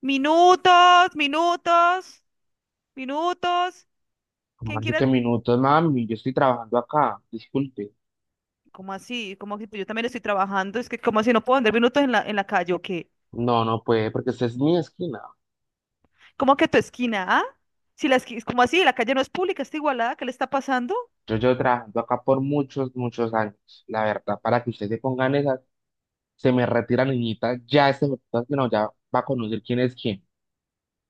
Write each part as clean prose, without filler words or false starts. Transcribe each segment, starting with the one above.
Minutos, minutos, minutos. ¿Cómo ¿Quién así que quiere? minutos, mami? Yo estoy trabajando acá, disculpe. ¿Cómo así? ¿Cómo que pues yo también estoy trabajando? Es que, ¿cómo así no puedo andar minutos en la calle o qué? No, no puede, porque esta es mi esquina. ¿Cómo que tu esquina, ah? Si la esquina, ¿cómo así? La calle no es pública, está igualada, ¿qué le está pasando? Yo llevo trabajando acá por muchos, muchos años. La verdad, para que ustedes se pongan esas, se me retira niñita, ya este que no, ya va a conocer quién es quién.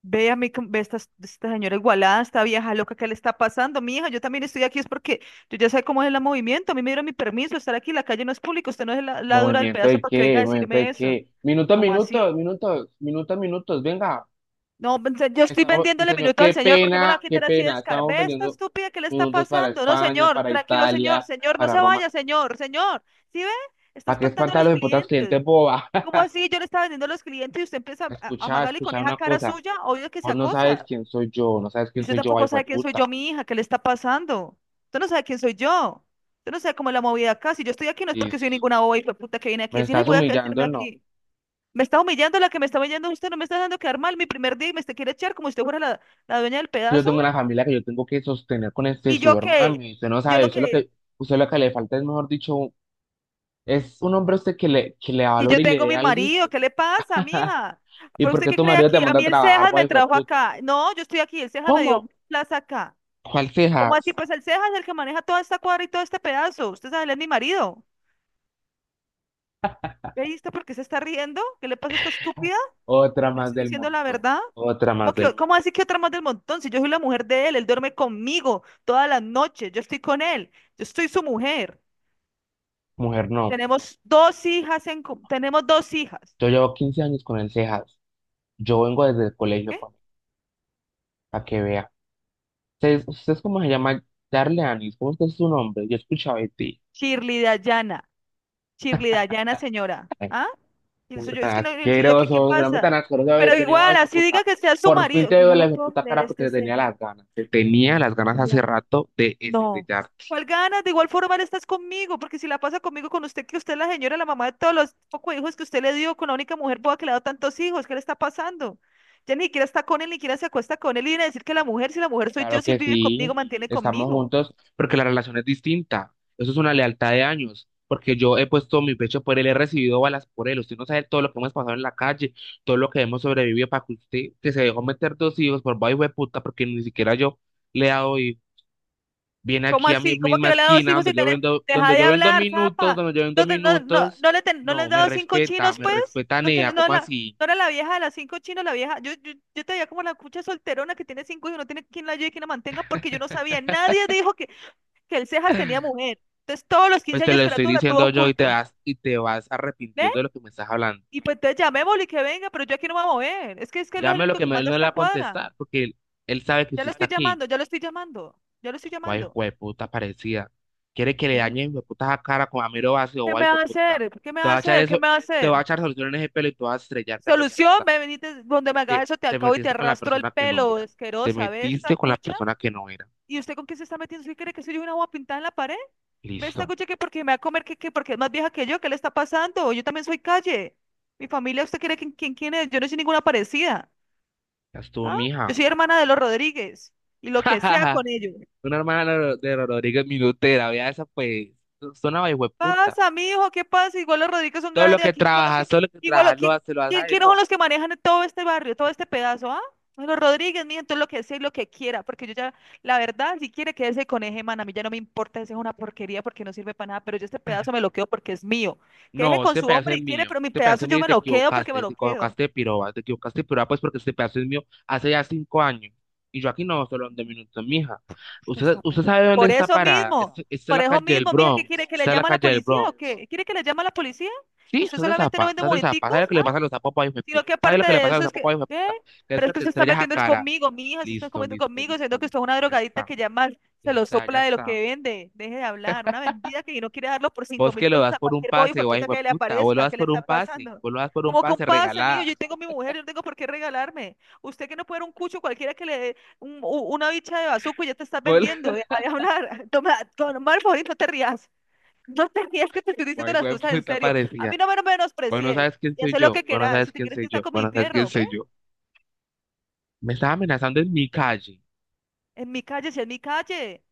Ve a mí, ve a esta señora igualada, esta vieja loca, ¿qué le está pasando? Mija, yo también estoy aquí, es porque yo ya sé cómo es el movimiento, a mí me dieron mi permiso de estar aquí, la calle no es pública, usted no es la dura del Movimiento pedazo de para que venga qué, a movimiento decirme de eso. qué. Minutos, ¿Cómo así? minutos, minutos, minutos, minutos, venga. No, pues, yo estoy Estamos, sí, vendiéndole señor, minutos al qué señor, ¿por qué me lo va pena, a qué quitar así de pena. escar? Estamos Ve esta vendiendo estúpida, ¿qué le está minutos para pasando? No, España, señor, para tranquilo, señor, Italia, señor, no para se Roma. vaya, señor, señor. ¿Sí ve? Está ¿Para qué espantando a espantar a los los hipotas clientes. clientes, boba? ¿Y cómo así? Yo le estaba vendiendo a los clientes y usted empieza a Escucha, amagarle con escucha esa una cara cosa. suya, obvio que se Vos no sabes acosa. quién soy yo, no sabes Y quién usted soy yo, ay, tampoco sabe quién soy yo, puta. mi hija, ¿qué le está pasando? Usted no sabe quién soy yo. Usted no sabe cómo es la movida acá. Si yo estoy aquí no es porque soy Listo. ninguna boba y puta que viene aquí Me a decir, ay, estás voy a humillando, quedarme no. aquí. Me está humillando, la que me está humillando usted, no me está dejando quedar mal mi primer día y me te quiere echar como si usted fuera la dueña del Que yo pedazo. tengo una familia que yo tengo que sostener con este Y yo sudor, que, mami. Usted no yo sabe, no usted lo que, que, usted lo que le falta es, mejor dicho, un- es un hombre a usted que le que yo valore y le tengo dé mi algo. marido, ¿qué le pasa, mija? ¿Y ¿Pero por usted qué qué tu cree marido te aquí? A manda mí a el trabajar, Cejas me ay, trajo puta? acá. No, yo estoy aquí, el Cejas me dio ¿Cómo? plaza acá. ¿Cuál ¿Cómo así? cejas? Pues el Cejas es el que maneja toda esta cuadra y todo este pedazo. Usted sabe, él es mi marido. ¿Ve? Ahí está por qué se está riendo. ¿Qué le pasa a esta estúpida? Otra ¿Le más estoy del diciendo la montón. verdad? Otra ¿Cómo más del... que, cómo decir que otra más del montón? Si yo soy la mujer de él, él duerme conmigo todas las noches, yo estoy con él, yo estoy su mujer. Mujer, no. Tenemos dos hijas. Yo llevo 15 años con el cejas. Yo vengo desde el colegio, ¿Qué? para que vea. ¿Ustedes, ustedes cómo se llama Darle Anis? ¿Cómo es que es su nombre? Yo escuchaba de ti. Shirley Dayana, Shirley Dayana, señora. Ay, ¿Ah? Y el hombre suyo, es tan que no, el suyo aquí, ¿qué asqueroso, un hombre pasa? tan asqueroso Pero haber venido igual, a así diga puta. que sea su Por fin marido. te Yo veo no lo la puedo puta creer, cara porque este te tenía cejas, las ganas. Te cejas tenía mal. las ganas hace rato de No. estrellarte. ¿Cuál ganas? De igual forma, él estás conmigo, porque si la pasa conmigo, con usted, que usted es la señora, la mamá de todos los pocos hijos que usted le dio, con la única mujer boba que le ha dado tantos hijos, ¿qué le está pasando? Ya ni siquiera está con él, ni siquiera se acuesta con él, y viene a decir que la mujer, si la mujer soy Claro yo, si él que vive sí, conmigo, mantiene estamos conmigo. juntos porque la relación es distinta. Eso es una lealtad de años. Porque yo he puesto mi pecho por él, he recibido balas por él. Usted no sabe todo lo que hemos pasado en la calle, todo lo que hemos sobrevivido para que usted, que se dejó meter 2 hijos por vaina de puta, porque ni siquiera yo. Le he dado viene ¿Cómo aquí a mi así? ¿Cómo que misma no le ha dado esquina cinco sin tener? Deja donde de yo vendo hablar, minutos, zapa. donde yo vendo No, te- no, no, minutos. no le ten- no le has No, dado cinco chinos, me pues. respeta No, ten- Nea, no, ¿cómo la, así? no era la vieja de las cinco chinos, la vieja. Yo te veía como la cucha solterona que tiene cinco hijos, no tiene quien la ayude y quien la mantenga, porque yo no sabía. Nadie dijo que el Cejas tenía mujer. Entonces, todos los Pues 15 te lo años que estoy la tuvo diciendo yo oculto. Y te vas ¿Ve? arrepintiendo de lo que me estás hablando. Y pues entonces llamémosle y que venga, pero yo aquí no me voy a mover. Es que él no es el Llame lo único que que él manda no le va esta a cuadra. contestar, porque él sabe que Ya usted lo está estoy aquí. llamando, ya lo estoy llamando, ya lo estoy Ay, llamando. jueputa parecida. Quiere que le Ve. dañen puta la cara con Amiro ¿Qué vacío, ay, me va a jueputa. hacer? ¿Qué me Te va a va a echar hacer? ¿Qué eso, me va a te va a hacer? echar solución en ese pelo y te vas a estrellarte, re Solución, puta. me venite donde me hagas Que eso, te te acabo y te metiste con la arrastro el persona que no pelo, era. Te asquerosa, ve esta metiste con la cucha. persona que no era. ¿Y usted con qué se está metiendo? ¿Usted cree que soy yo una agua pintada en la pared? Ve esta Listo. cucha que porque me va a comer, que porque es más vieja que yo, ¿qué le está pasando? Yo también soy calle. Mi familia, ¿usted cree que quién es? Yo no soy ninguna parecida. Ya estuvo, ¿Ah? Yo mija. soy hermana de los Rodríguez. Y lo que sea con ellos. Una hermana de de Rodríguez Minutera, vea esa pues. Suena una puta. ¿Pasa, mijo? ¿Qué pasa? Igual los Rodríguez son Todo lo grandes que aquí, son los trabajas, que, todo lo que igual, trabajas lo hace lo hace a él, ¿quiénes son no. los que manejan todo este barrio, todo este pedazo, ah? Son los Rodríguez, mijo, entonces lo que sea y lo que quiera, porque yo ya, la verdad, si quiere quédese con ese man, a mí ya no me importa, ese es una porquería porque no sirve para nada, pero yo este pedazo me lo quedo porque es mío. Quédese No, con este su pedazo hombre es y quiere, mío. pero mi Este pedazo pedazo es yo mío y me te lo quedo porque me equivocaste. Te lo quedo. equivocaste de piroba. Te equivocaste de piroba, pues porque este pedazo es mío hace ya 5 años. Y yo aquí no, solo de minutos, mija. Usted Usted, está usted pendejo. sabe dónde está parada. Esta, esta es Por la eso calle del mismo, mija, ¿qué quiere? Bronx. ¿Que le Esta es la llame a la calle del policía o Bronx. qué? ¿Quiere que le llame a la policía? ¿Que Sí, usted sos de solamente no zapa, vende sos de zapa. moneticos? ¿Sabes lo que le pasa a los zapopos, hijo de Sino que puta? ¿Sabes lo aparte que le de pasa a los eso es zapopos, que, hijo de ¿qué? puta? Que es Pero es que que te usted está estrellas a metiendo es cara. conmigo, mi hija, se está Listo, comiendo listo, conmigo, listo, siendo que usted listo. es una Ya drogadita está, que ya más ya se lo está, ya sopla de lo está. que vende. Deje de hablar, una vendida que no quiere darlo por cinco Vos mil que lo pesos das a por un cualquier boy, pase, fue guay, puta hijo de que le puta. Vos lo aparezca, das ¿qué le por un está pase, pasando? vos lo das por un Como que un pase, pase, mío, regalada. yo tengo mi mujer, yo no tengo por qué regalarme. Usted que no puede dar un cucho cualquiera que le dé una bicha de bazuco y ya te estás Vos lo- vendiendo, deja de hablar. Toma, toma el favor y no te rías. No tenías que te estoy Guay, diciendo las hijo de cosas en puta, serio. A mí parecía. no me Vos no menosprecies. sabes quién Y soy haz lo yo, que vos no quieras. sabes Si te quién quieres que soy está yo, con vos mi no sabes quién fierro, ve. soy yo. Me estás amenazando en mi calle En mi calle, si es mi calle.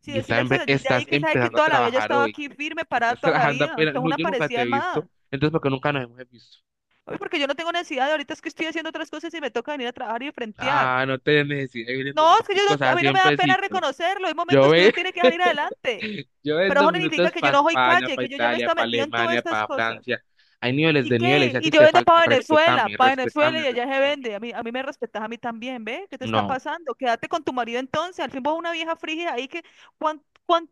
Si y estás, decirle al Medellín de estás ahí que sabe que empezando a toda la vida yo he trabajar estado hoy. aquí firme, parada Estás toda la trabajando vida. apenas. Tengo No, una yo nunca te he parecida visto, más. entonces porque nunca nos hemos visto. Oye, porque yo no tengo necesidad de ahorita es que estoy haciendo otras cosas y me toca venir a trabajar y frentear. Ah, no te necesito. Viniendo No, es que yo minuticos no- a a mí no me 100 da pena pesitos. reconocerlo. Hay Yo, momentos que uno tiene que salir adelante. yo Pero vendo eso no significa minutos que yo para no soy España, calle, para que yo ya me he Italia, estado para metiendo en todas Alemania, estas para cosas. Francia. Hay niveles ¿Y de niveles qué? y a Y ti yo te vendo falta. Respetame, para Venezuela respetame, y allá se respetame. vende. A mí me respetas a mí también, ¿ve? ¿Qué te está No. pasando? Quédate con tu marido entonces. Al fin vos una vieja frígida ahí que ¿cuán, cuán-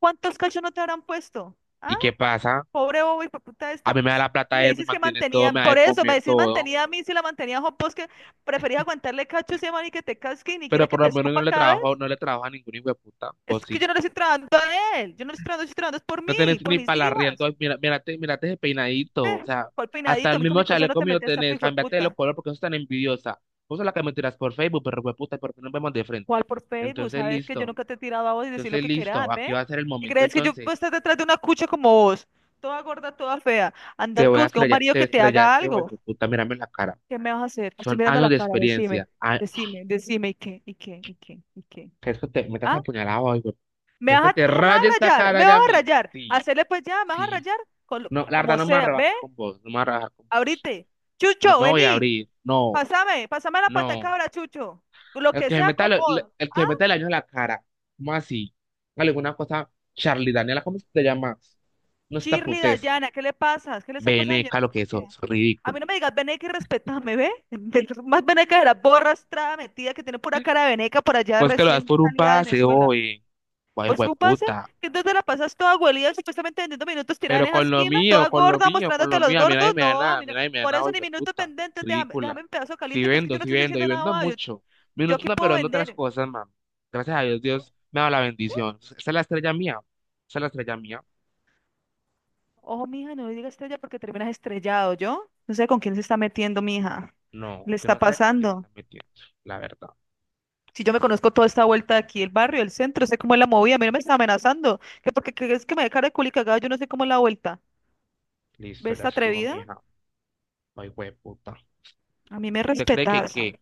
cuántos cachos no te habrán puesto? Ah, ¿Y qué pasa? pobre bobo y puta A esta. mí me da Ps, la plata me él, me dices que mantiene todo, mantenía, me da de por eso me comer decís todo. mantenida a mí si la mantenía a Juan Pos, que preferís aguantarle cachos ese man y que te casque y ni Pero quiera que por te lo menos yo escupa no le cada trabajo, vez. no le trabajo a ningún hijo de puta. Vos Es que sí. yo no le estoy trabajando a él, yo no le estoy trabajando, yo estoy trabajando es por No mí, tenés por ni mis para arriendo. hijas. Ay, mira, mírate, mírate ese peinadito. O Eh, sea, cuál hasta peinadito, el a mí con mismo mi cosa no chaleco te mío metes, esa tenés. pijo de Cámbiate los puta. colores porque sos tan envidiosa. Vos sos la que me tiras por Facebook, pero hueputa, ¿por qué nos vemos de frente? ¿Cuál por Facebook? Entonces, Sabes que yo listo. nunca te he tirado a vos y decir lo Entonces, que quieras, listo. ¿ve? Aquí va a ser el ¿Y momento. crees que yo puedo estar Entonces, detrás de una cucha como vos? Toda gorda, toda fea. te Andar voy con a buscar un estrellar. marido Te que te haga estrellaste, algo. hueputa. Mírame en la cara. ¿Qué me vas a hacer? Te estoy Son mirando años la de cara, decime, experiencia. Ah, decime, decime, ¿y qué? ¿Y qué? ¿Y qué? ¿Y qué? es que te metas ¿Ah? apuñalado hoy, güey. ¿Me ¿Es que vas a, te ah, me vas a rayes esta rayar? cara ¿Me vas ya a mismo? rayar? Sí, Hacerle pues ya, ¿me vas a sí. rayar? Con lo- No, la verdad, como no me voy a sea, ¿ve? rebajar con vos. No me voy a rebajar con. Ahorita, No Chucho, me voy a vení. abrir. No, Pásame, pásame la pata de no. cabra, Chucho. Lo El que que se sea, meta, con vos. el que se Ah, meta el año en la cara. ¿Cómo así? Alguna cosa, Charlie Daniela, ¿cómo se te llama? No está Shirley, putesca. Dayana, ¿qué le pasa? ¿Qué le está pasando, señora? Veneca, lo que eso, ¿Sofía? es A ridículo. mí no me digas veneca y respetame, ¿ve? Más veneca de la borra estrada metida que tiene pura cara de veneca por allá Pues que lo das recién por un salida de pase, Venezuela. oye. Guay, Pues tú pasa puta. que entonces la pasas toda abuelita, supuestamente vendiendo minutos tirada en Pero esa con lo esquina, mío, toda con lo gorda, mío, con mostrándote a lo los mío, a mí nadie gordos. me da No, a nada, a mí mí no. nadie me da Por nada, eso hijo ni de minutos puta. pendientes, déjame, Ridícula. déjame un pedazo Si caliente, que es que vendo, yo no si te estoy vendo, y diciendo nada, vendo más, yo, mucho. yo Minutos aquí no, puedo pero en otras vender. cosas, mami. Gracias a Dios, ¿Qué? Dios me da la ¿Qué? bendición. Esa es la estrella mía. Esa es la estrella mía. Ojo, mija, no digas estrella porque terminas estrellado, ¿yo? No sé con quién se está metiendo, mija. No, Le usted está no sabe con quién se pasando. está metiendo, la verdad. Si yo me conozco toda esta vuelta de aquí, el barrio, el centro, sé cómo es la movida, a mí no me está amenazando. Que porque que es que me dé cara de culicagada, yo no sé cómo es la vuelta. Listo, ¿Ves ya esta estuvo, atrevida? mija. Ay, puta. A mí me ¿Usted cree que respetas. qué?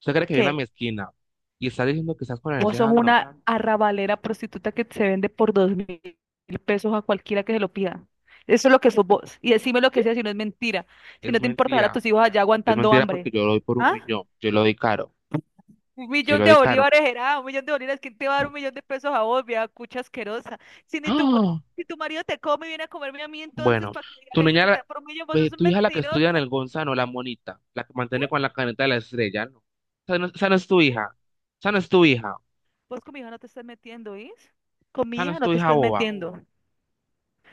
¿Usted cree que viene a mi ¿Qué? esquina y está diciendo que estás con el Vos sos ceja? No, una arrabalera prostituta que se vende por 2.000 pesos a cualquiera que se lo pida. Eso es lo que sos vos. Y decime lo que sea si no es mentira. Si es no te importará a mentira. tus hijos allá Es aguantando mentira porque hambre. yo lo doy por un ¿Ah? millón. Yo lo doy caro. Un Yo millón lo de doy caro. bolívares era, un millón de bolívares, ¿quién te va a dar un millón de pesos a vos, vieja cucha asquerosa? Si ni tu, ¡Ah! si tu marido te come y viene a comerme a mí, entonces, Bueno, ¿para que tu digas eso niña, que te da por un millón? Vos sos un tu hija la que estudia en mentirosa. el Gonzalo, la monita, la que ¿Qué? mantiene con la caneta de la estrella, ¿no? Esa no, esa no es tu hija. Esa no es tu hija. Vos con mi hija no te estás metiendo, ¿oís? Con Esa mi no hija es no tu te hija estás boba. metiendo.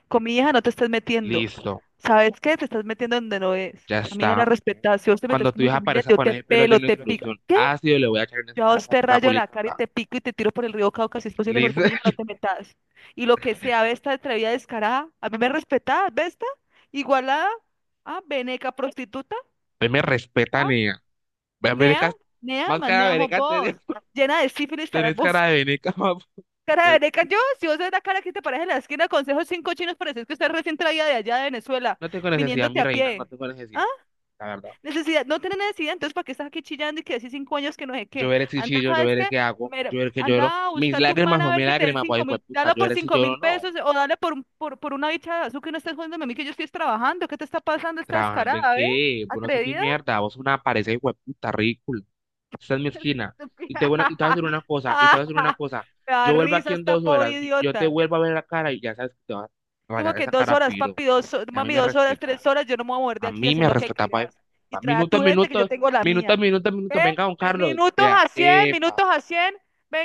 Con mi hija no te estás metiendo. Listo, ¿Sabes qué? Te estás metiendo donde no es. ya A mi hija está. la respetas. Si vos te metes Cuando tu con mi hija familia, aparezca yo con te ese pelo pelo, lleno de te pico. solución ¿Qué? ácido, le voy a echar en esa Yo a cara vos esa, te esa rayo la cara y culica. te pico y te tiro por el río Cauca si es posible, Liz. porque mi hija no te metas. Y lo que sea, esta atrevida descarada, a mí me respetás, esta igualada, veneca prostituta, Ahí me respetan, ah, niña. Nea, Verecas, nea, más más cara de nea sos vereca tenés, vos, llena de sífilis estarás tenés vos. cara de veneca, papu. Cara de Güey, veneca yo, si vos ves la cara que te parece en la esquina, consejo cinco chinos, pareces que usted recién traía de allá de Venezuela, no tengo necesidad, mi viniéndote a reina, no pie. tengo ah, necesidad, la verdad. Necesidad, no tiene necesidad, entonces ¿para qué estás aquí chillando y que decís 5 años que no sé Yo qué? veré si Anda, chillo, yo ¿sabes veré qué? qué hago, Mira, yo veré que lloro. anda a Mis buscar tu man lágrimas a son ver mis que te den lágrimas, pues, cinco hijo de mil, puta, dale yo por veré si cinco lloro o mil no. pesos o dale por una bicha de azúcar que no estés jodiéndome a mí que yo estoy trabajando, ¿qué te está pasando? Esta ¿Trabajando en descarada, ¿ve? qué? Vos no sos ni ¿Atrevida? mierda, vos sos una pareja, hijo de puta, ridículo. Esta es mi esquina. Y te voy a decir una cosa, y te voy a decir una cosa. Me da Yo vuelvo risa aquí en esta dos pobre horas, yo te idiota. vuelvo a ver la cara y ya sabes que te vas a Como rayar que esa dos cara, horas, piro. papi, A mí mami, me 2 horas, tres respetas. horas, yo no me voy a mover de A aquí, mí hacer me lo que respetaba. Quieras. Y trae a Minuto, tu gente que yo minuto, tengo la minuto, mía. minuto, minuto. ¿Eh? Venga, don Carlos. Minutos Vea, a 100, epa, minutos a cien.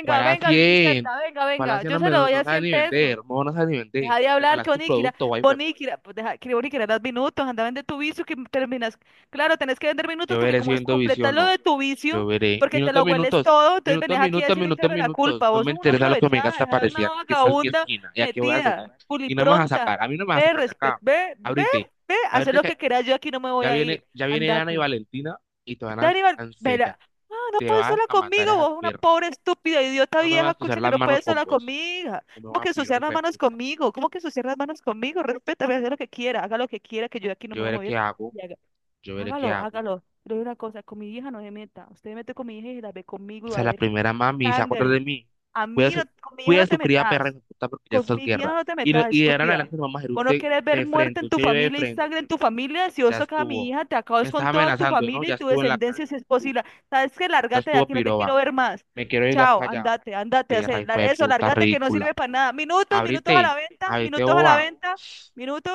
¿cuál a venga, 100? Griselda, venga, ¿Cuál a venga. 100 Yo no, se lo no, doy no a sabe 100 ni vender? pesos. No, no sabe ni vender. Deja de hablar, Regalas que tu Boníquira, producto, guay, güey. Boníquira, pues deja que Boníquira, das minutos, anda, vende tu vicio, que terminas. Claro, tenés que vender minutos Yo porque veré si como es vendo completar visión o lo no. de tu Yo vicio, veré. porque te lo Minutos, hueles minutos. todo, entonces Minutos, venés aquí a minutos, decir minutos, echarme la minutos. culpa. No Vos me sos una interesa lo que me digas aprovechada, deja de ser una parecía que esta es mi vagabunda esquina y aquí voy a seguir. metida, Y no me vas a sacar. culipronta. A mí no me vas a Ve, sacar de respet, acá. ve, ve, Ábrete. ve, haz Ábrete lo que que quieras, yo aquí no me voy a ir. Ya viene Ana y Andate. Valentina y te van Daniel, a mira, no te puedes van sola a matar conmigo, esas vos, una perras. pobre, estúpida, idiota No me vieja, vas a usar escucha que las no manos puedes con sola vos. conmigo. No me ¿Cómo van que a pirar, ensuciar hijo las de manos puta. conmigo? ¿Cómo que ensuciar las manos conmigo? Respétame, haz lo que quiera, haga lo que quiera, que yo de aquí no Yo me voy a veré qué mover. hago. Y haga- Yo veré qué Hágalo, hago. hágalo. Pero hay una cosa, con mi hija no se meta. Usted se mete con mi hija y se la ve conmigo y O va sea, a la ver primera mami, se acuerda de sangre. mí. A Cuida mí, no, su, con mi hija cuida no su te cría perra, metas. hijo de puta, porque ya Con estás mi hija guerra. no te Y, metas, y de ahora en estúpida. adelante no vamos a ir Vos no usted querés ver de muerte frente, en tu usted y yo de familia y frente. sangre en tu familia. Si vos Ya tocas a mi estuvo. hija, te Me acabas estás con toda tu amenazando, ¿no? familia Ya y tu estuvo en la calle. descendencia si es Tú. posible. ¿Sabes qué? Ya Lárgate de estuvo aquí, no te quiero piroba. ver más. Me quiero ir de Chao, acá ya. andate, andate, Perra, hace la- hijo de eso, puta, lárgate que no ridícula. sirve para nada. Minutos, minutos a Ábrete. la venta, Ábrete, minutos a la boba. venta, minutos.